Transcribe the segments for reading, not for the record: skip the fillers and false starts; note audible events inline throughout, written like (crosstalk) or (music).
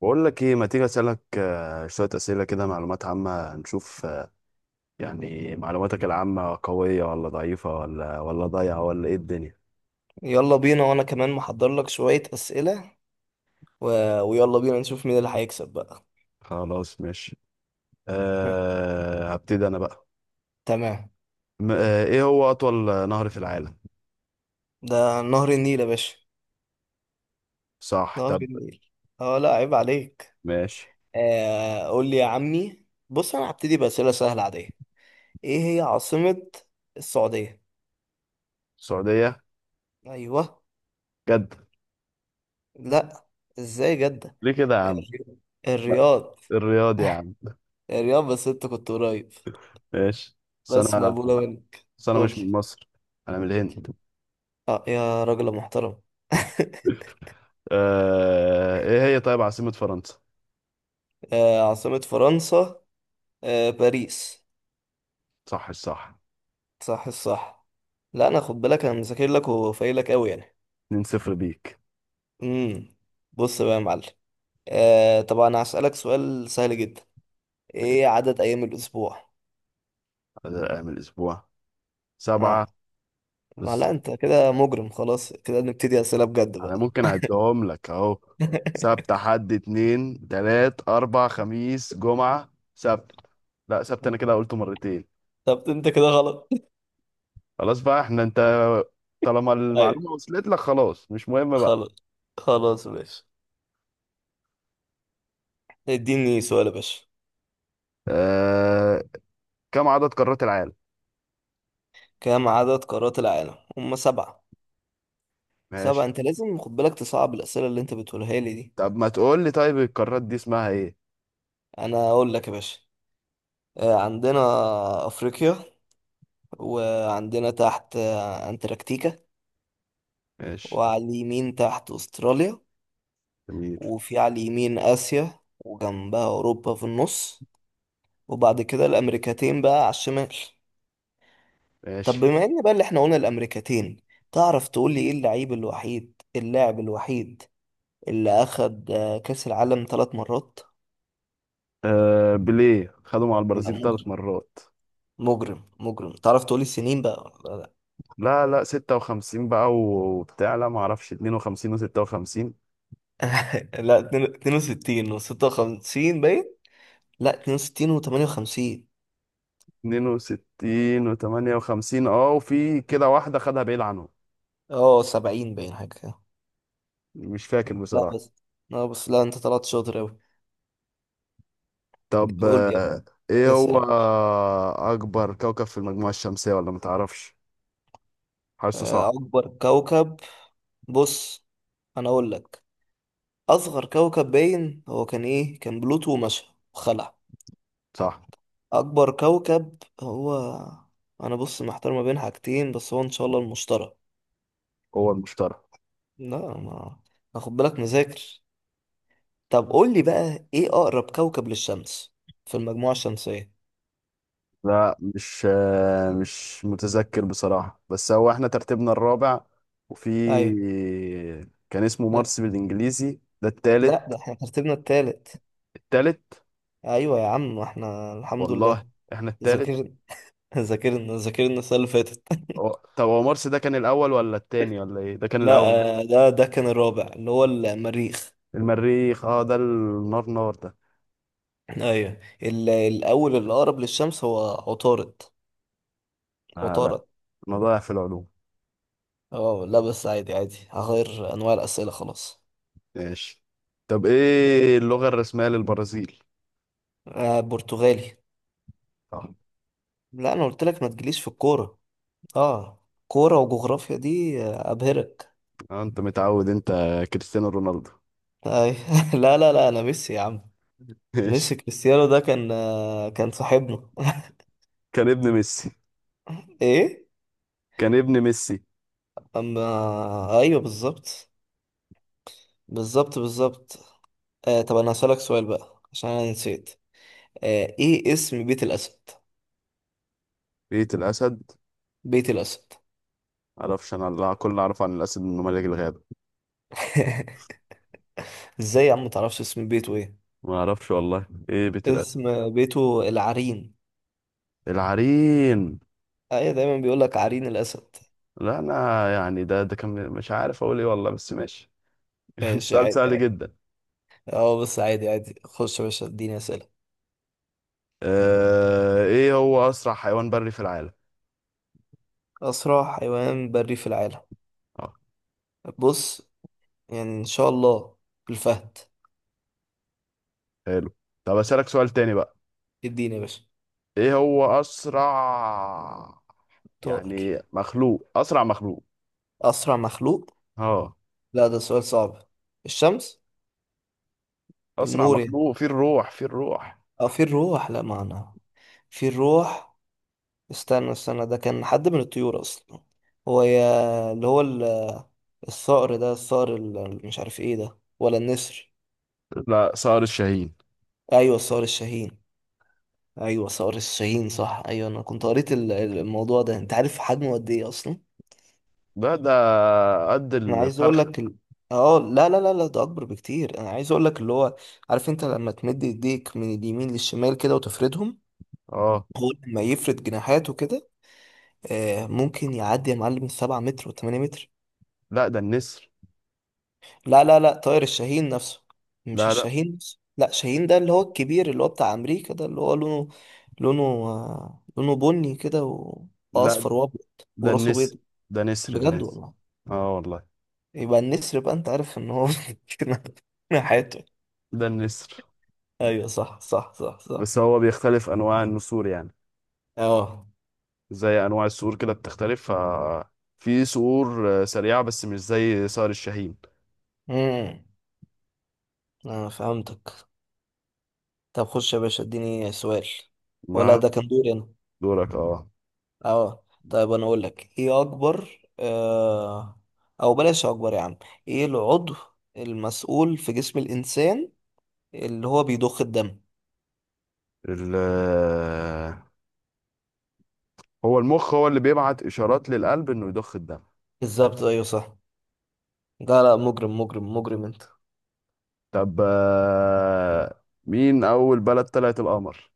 بقول لك ايه ما تيجي اسالك شويه اسئله كده، معلومات عامه نشوف يعني معلوماتك العامه قويه ولا ضعيفه ولا ضايعه ولا ايه الدنيا. يلا بينا وانا كمان محضر لك شوية أسئلة و... ويلا بينا نشوف مين اللي هيكسب بقى. خلاص ماشي. هم، هبتدي انا بقى. تمام. م- أه ايه هو اطول نهر في العالم؟ ده نهر النيل يا باشا. صح. نهر طب، النيل. اه، لا، عيب عليك. ماشي. قول لي يا عمي. بص، انا هبتدي بأسئلة سهلة عادية. ايه هي عاصمة السعودية؟ السعوديه؟ ايوه. جد؟ لا. ازاي جدة؟ ليه كده يا عم؟ الري- ما- الرياض. الرياض يا (laughs) عم. الرياض، بس انت كنت قريب. ماشي. بس بس انا مقبولة منك. بس انا قول مش من لي. مصر، انا من الهند. اه، يا راجل محترم. (laughs) ايه هي طيب عاصمه فرنسا؟ عاصمة فرنسا. باريس. صح صح. صح الصح. لا انا خد بالك، انا مذاكر لك وفايق لك قوي يعني. 2-0 بيك. امم بص بقى يا معلم. طبعا هسألك سؤال سهل جدا. ايه ماشي. عدد ايام الاسبوع؟ بدل أيام الأسبوع سبعة. اه. ما بس لا، انت كده مجرم، خلاص كده نبتدي اسئله بجد أنا بقى. ممكن أعدهم لك أهو: (laughs) سبت، حد، اتنين، تلات، أربع، خميس، جمعة، سبت. لا، سبت أنا كده قلته مرتين. طب انت كده غلط. خلاص بقى احنا أنت، طالما ايوه. المعلومة وصلت لك خلاص، مش مهم بقى. خلاص. خلاص يا باشا، اديني سؤال يا باشا. آه... كم عدد قارات العالم؟ كم عدد قارات العالم؟ هم، سبعة. سبعة، ماشي. انت لازم خد بالك تصعب الاسئله اللي انت بتقولها لي دي. طب ما تقول لي طيب القارات دي اسمها ايه؟ انا اقول لك يا باشا. عندنا أفريقيا، وعندنا تحت أنتاركتيكا، ماشي. وعلى اليمين تحت أستراليا، جميل. وفي على اليمين آسيا وجنبها أوروبا في النص، وبعد كده الأمريكتين بقى على الشمال. ماشي. طب بما إن بقى اللي إحنا قلنا الأمريكتين، تعرف تقول لي إيه اللعيب الوحيد اللاعب الوحيد اللي أخد كأس العالم ثلاث مرات؟ بيليه خدوا مع لا، البرازيل مجرم ثلاث مرات. مجرم مجرم. تعرف تقول لي السنين بقى ولا لا؟ لا لا، 56 بقى وبتاع، لا ما اعرفش، 52 و56، (laughs) لا، 62 و56 باين. لا، 62 و58. 62 و58. اه، وفي كده واحدة خدها بعيد عنهم. اه، 70 باين حاجة كده. مش فاكر لا بصراحة. بس، لا بس، لا، انت طلعت شاطر اوي. طب، قول لي. ايه يا هو سلام. اكبر كوكب في المجموعة الشمسية ولا متعرفش؟ حاسه صح. اكبر كوكب. بص، انا اقول لك. اصغر كوكب باين هو كان ايه؟ كان بلوتو ومشى وخلع. صح، اكبر كوكب هو، انا بص محتار ما بين حاجتين، بس هو ان شاء الله المشتري. هو المشتري. لا ما، اخد بالك مذاكر. طب قول لي بقى، ايه اقرب كوكب للشمس في المجموعة الشمسية؟ لا مش متذكر بصراحة، بس هو احنا ترتيبنا الرابع وفي. ايوه. كان اسمه مارس بالانجليزي، ده التالت. لا، ده احنا ترتيبنا التالت. التالت. ايوه يا عم، احنا الحمد والله لله. احنا التالت. ذاكرنا. (laughs) ذاكرنا ذاكرنا السنه اللي فاتت. (laughs) طب هو مرسي ده كان الاول ولا التاني ولا ايه، ده كان لا، الاول؟ ده كان الرابع اللي هو المريخ. المريخ، اه، ده النار، نار ده. ايوه، الاول اللي اقرب للشمس هو عطارد. آه، لا، عطارد. انا ضايع في العلوم. اه، لا بس عادي عادي، هغير انواع الاسئله خلاص. ماشي. طب ايه اللغة الرسمية للبرازيل؟ برتغالي. اه. لا انا قلت لك، ما تجيليش في الكوره. اه. كوره وجغرافيا دي ابهرك. انت متعود انت. كريستيانو رونالدو. أيوة. (laughs) لا لا لا، انا ميسي يا عم. (laughs) ماشي. ميسي. كريستيانو ده كان صاحبنا. كان ابن ميسي. ايه. كان ابن ميسي. اما. ايوه بالظبط. بالظبط بالظبط. طب انا هسألك سؤال بقى عشان انا نسيت. ايه اسم بيت الاسد؟ بيت الاسد. بيت الاسد. معرفش، انا كل اللي اعرفه عن الاسد انه ملك الغابة. (laughs) ازاي يا عم متعرفش اسم بيته ايه؟ ما اعرفش والله، ايه بيت الاسد. اسم بيته العرين. العرين. ايوه، دايما بيقولك عرين الاسد. لا انا، يعني ده كان مش عارف اقول ايه والله، بس ماشي. ماشي. سؤال عادي سهل عادي. جدا. اه، بس عادي عادي، خش يا باشا اديني اسئله. ايه هو اسرع حيوان بري في العالم؟ اسرع حيوان بري في العالم. اه. بص، يعني ان شاء الله الفهد. حلو. طب اسالك سؤال تاني بقى. اديني يا باشا. ايه هو اسرع، طائر. يعني مخلوق، اسرع مخلوق. اسرع مخلوق. اه. لا ده سؤال صعب. الشمس. اسرع النور يعني. مخلوق فيه الروح، فيه الروح. اه، في الروح. لا، معنى في الروح. استنى استنى، ده كان حد من الطيور اصلا. هو، يا اللي هو، الصقر ده، مش عارف ايه ده ولا النسر. لا، صقر الشاهين. ايوه، الصقر الشاهين. ايوه صقر الشاهين، صح. ايوه، انا كنت قريت الموضوع ده. انت عارف حجمه قد ايه اصلا؟ ده قد انا عايز اقول الفرخ. لك اه، لا لا لا لا، ده اكبر بكتير. انا عايز اقول لك اللي هو، عارف انت لما تمد ايديك من اليمين للشمال كده وتفردهم، اه هو لما يفرد جناحاته كده، ممكن يعدي يا معلم 7 متر و8 متر. لا، ده النسر. لا لا لا، طائر الشاهين نفسه. مش لا لا الشاهين نفسه، لا، شاهين ده اللي هو الكبير، اللي هو بتاع امريكا، ده اللي هو لونه. لونه. لونه بني كده لا، واصفر وابيض ده وراسه النسر. بيض. ده نسر، ده بجد نسر. والله. اه والله. يبقى النسر بقى، انت عارف ان هو (laughs) كده حياته. ده النسر. ايوه صح صح صح صح. بس هو بيختلف انواع النسور يعني، اه. زي انواع الصقور كده بتختلف، في صقور سريعه بس مش زي صقر الشاهين. امم انا فهمتك. طب خش يا باشا اديني سؤال. ولا ما ده كان دوري انا؟ دورك، اه. اه. طيب انا اقول لك. ايه اكبر او بلاش اكبر يا عم. ايه العضو المسؤول في جسم الانسان اللي هو بيضخ الدم؟ ال آه، هو المخ، هو اللي بيبعت اشارات للقلب انه يضخ الدم. بالظبط ايوه صح. لا لا، مجرم مجرم مجرم انت. طب، مين اول بلد طلعت القمر؟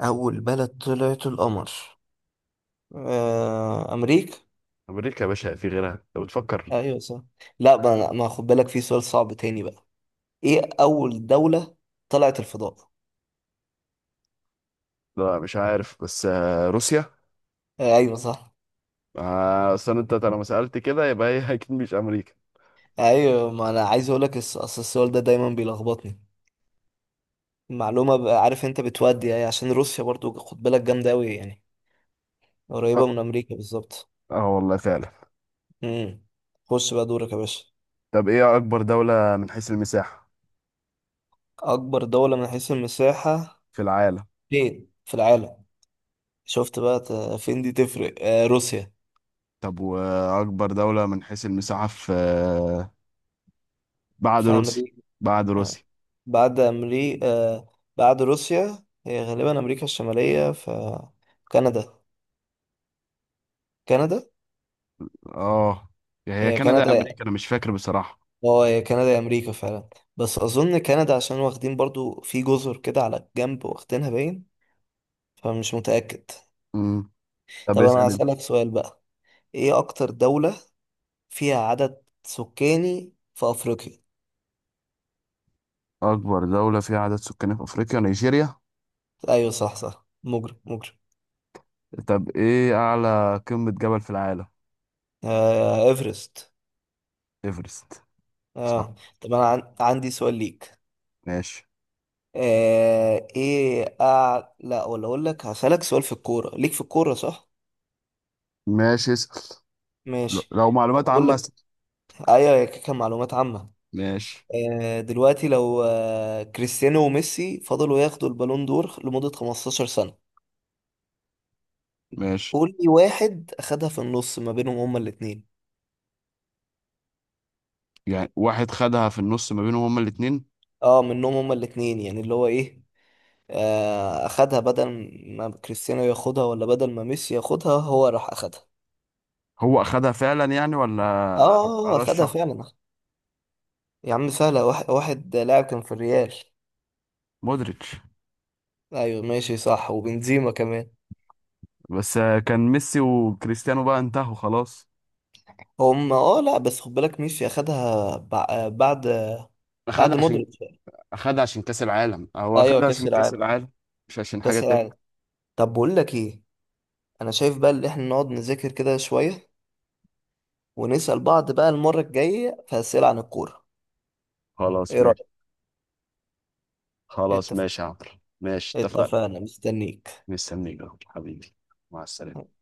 اول بلد طلعت القمر. امريكا. امريكا يا باشا، في غيرها لو بتفكر. ايوه صح. لا، ما خد بالك في سؤال صعب تاني بقى. ايه اول دولة طلعت الفضاء؟ لا مش عارف، بس روسيا. ايوه صح. اصل انت لما سالت كده يبقى هي (laughs) اكيد مش امريكا. ايوه ما انا عايز اقول لك اصل السؤال ده دايما بيلخبطني. معلومة بقى، عارف انت بتودي يعني، عشان روسيا برضو خد بالك جامدة أوي يعني. اه، قريبة من أمريكا بالظبط. آه والله فعلا. امم خش بقى دورك يا باشا. طب ايه اكبر دوله من حيث المساحه أكبر دولة من حيث المساحة في العالم؟ فين في العالم؟ شفت بقى فين دي تفرق. آه، روسيا. طب وأكبر دولة من حيث المساحة في، بعد في روسيا. أمريكا. بعد آه. روسيا. بعد أمريكا. آه. بعد روسيا هي غالبا أمريكا الشمالية، فكندا. كندا. اه، يعني هي هي كندا كندا. يا أمريكا، أنا مش فاكر بصراحة. اه، هي كندا يا أمريكا فعلا. بس أظن كندا عشان واخدين برضو في جزر كده على الجنب واخدينها باين، فمش متأكد. امم طب طب انا اسأل أنت. هسألك سؤال بقى. ايه اكتر دولة فيها عدد سكاني في افريقيا؟ أكبر دولة فيها عدد سكان في أفريقيا نيجيريا. ايوه صح صح، مجرم مجرم. طب إيه أعلى قمة جبل في العالم؟ ايفرست. إيفرست. صح. اه. طب انا عندي سؤال ليك. ماشي. لا، ولا اقول لك هسألك سؤال في الكورة ليك في الكورة، صح. ماشي، اسأل. ماشي. لو معلومات اقول عامة لك. اسأل. ايوه، هي كده كان معلومات عامة. ماشي. دلوقتي لو كريستيانو وميسي فضلوا ياخدوا البالون دور لمدة 15 سنة، ماشي. قول لي واحد اخدها في النص ما بينهم هما الاتنين. يعني واحد خدها في النص ما بينهم هما الاتنين. اه منهم هما الاتنين يعني اللي هو ايه، اخدها بدل ما كريستيانو ياخدها ولا بدل ما ميسي ياخدها، هو راح اخدها. هو أخدها فعلا يعني اه، ولا؟ اخدها أرشح. فعلا. يا عم سهلة. واحد لاعب كان في الريال. مودريتش. ايوه ماشي صح، وبنزيما كمان. بس كان ميسي وكريستيانو بقى انتهوا خلاص. اه، لا بس خد بالك، ميسي اخدها بعد اخدها عشان مودريتش. اخدها عشان كاس العالم، هو ايوه اخدها عشان كاس كاس العالم. العالم، مش عشان حاجه كاس تانية. العالم. طب بقول لك ايه، انا شايف بقى اللي احنا نقعد نذاكر كده شوية، ونسأل بعض بقى المرة الجاية في أسئلة عن الكورة. خلاص ايه ماشي. رأيك؟ خلاص اتفقنا؟ ماشي يا عمرو. ماشي اتفقنا. اتفقنا مستنيك. مستنيك يا عمرو، حبيبي. مع السلامه.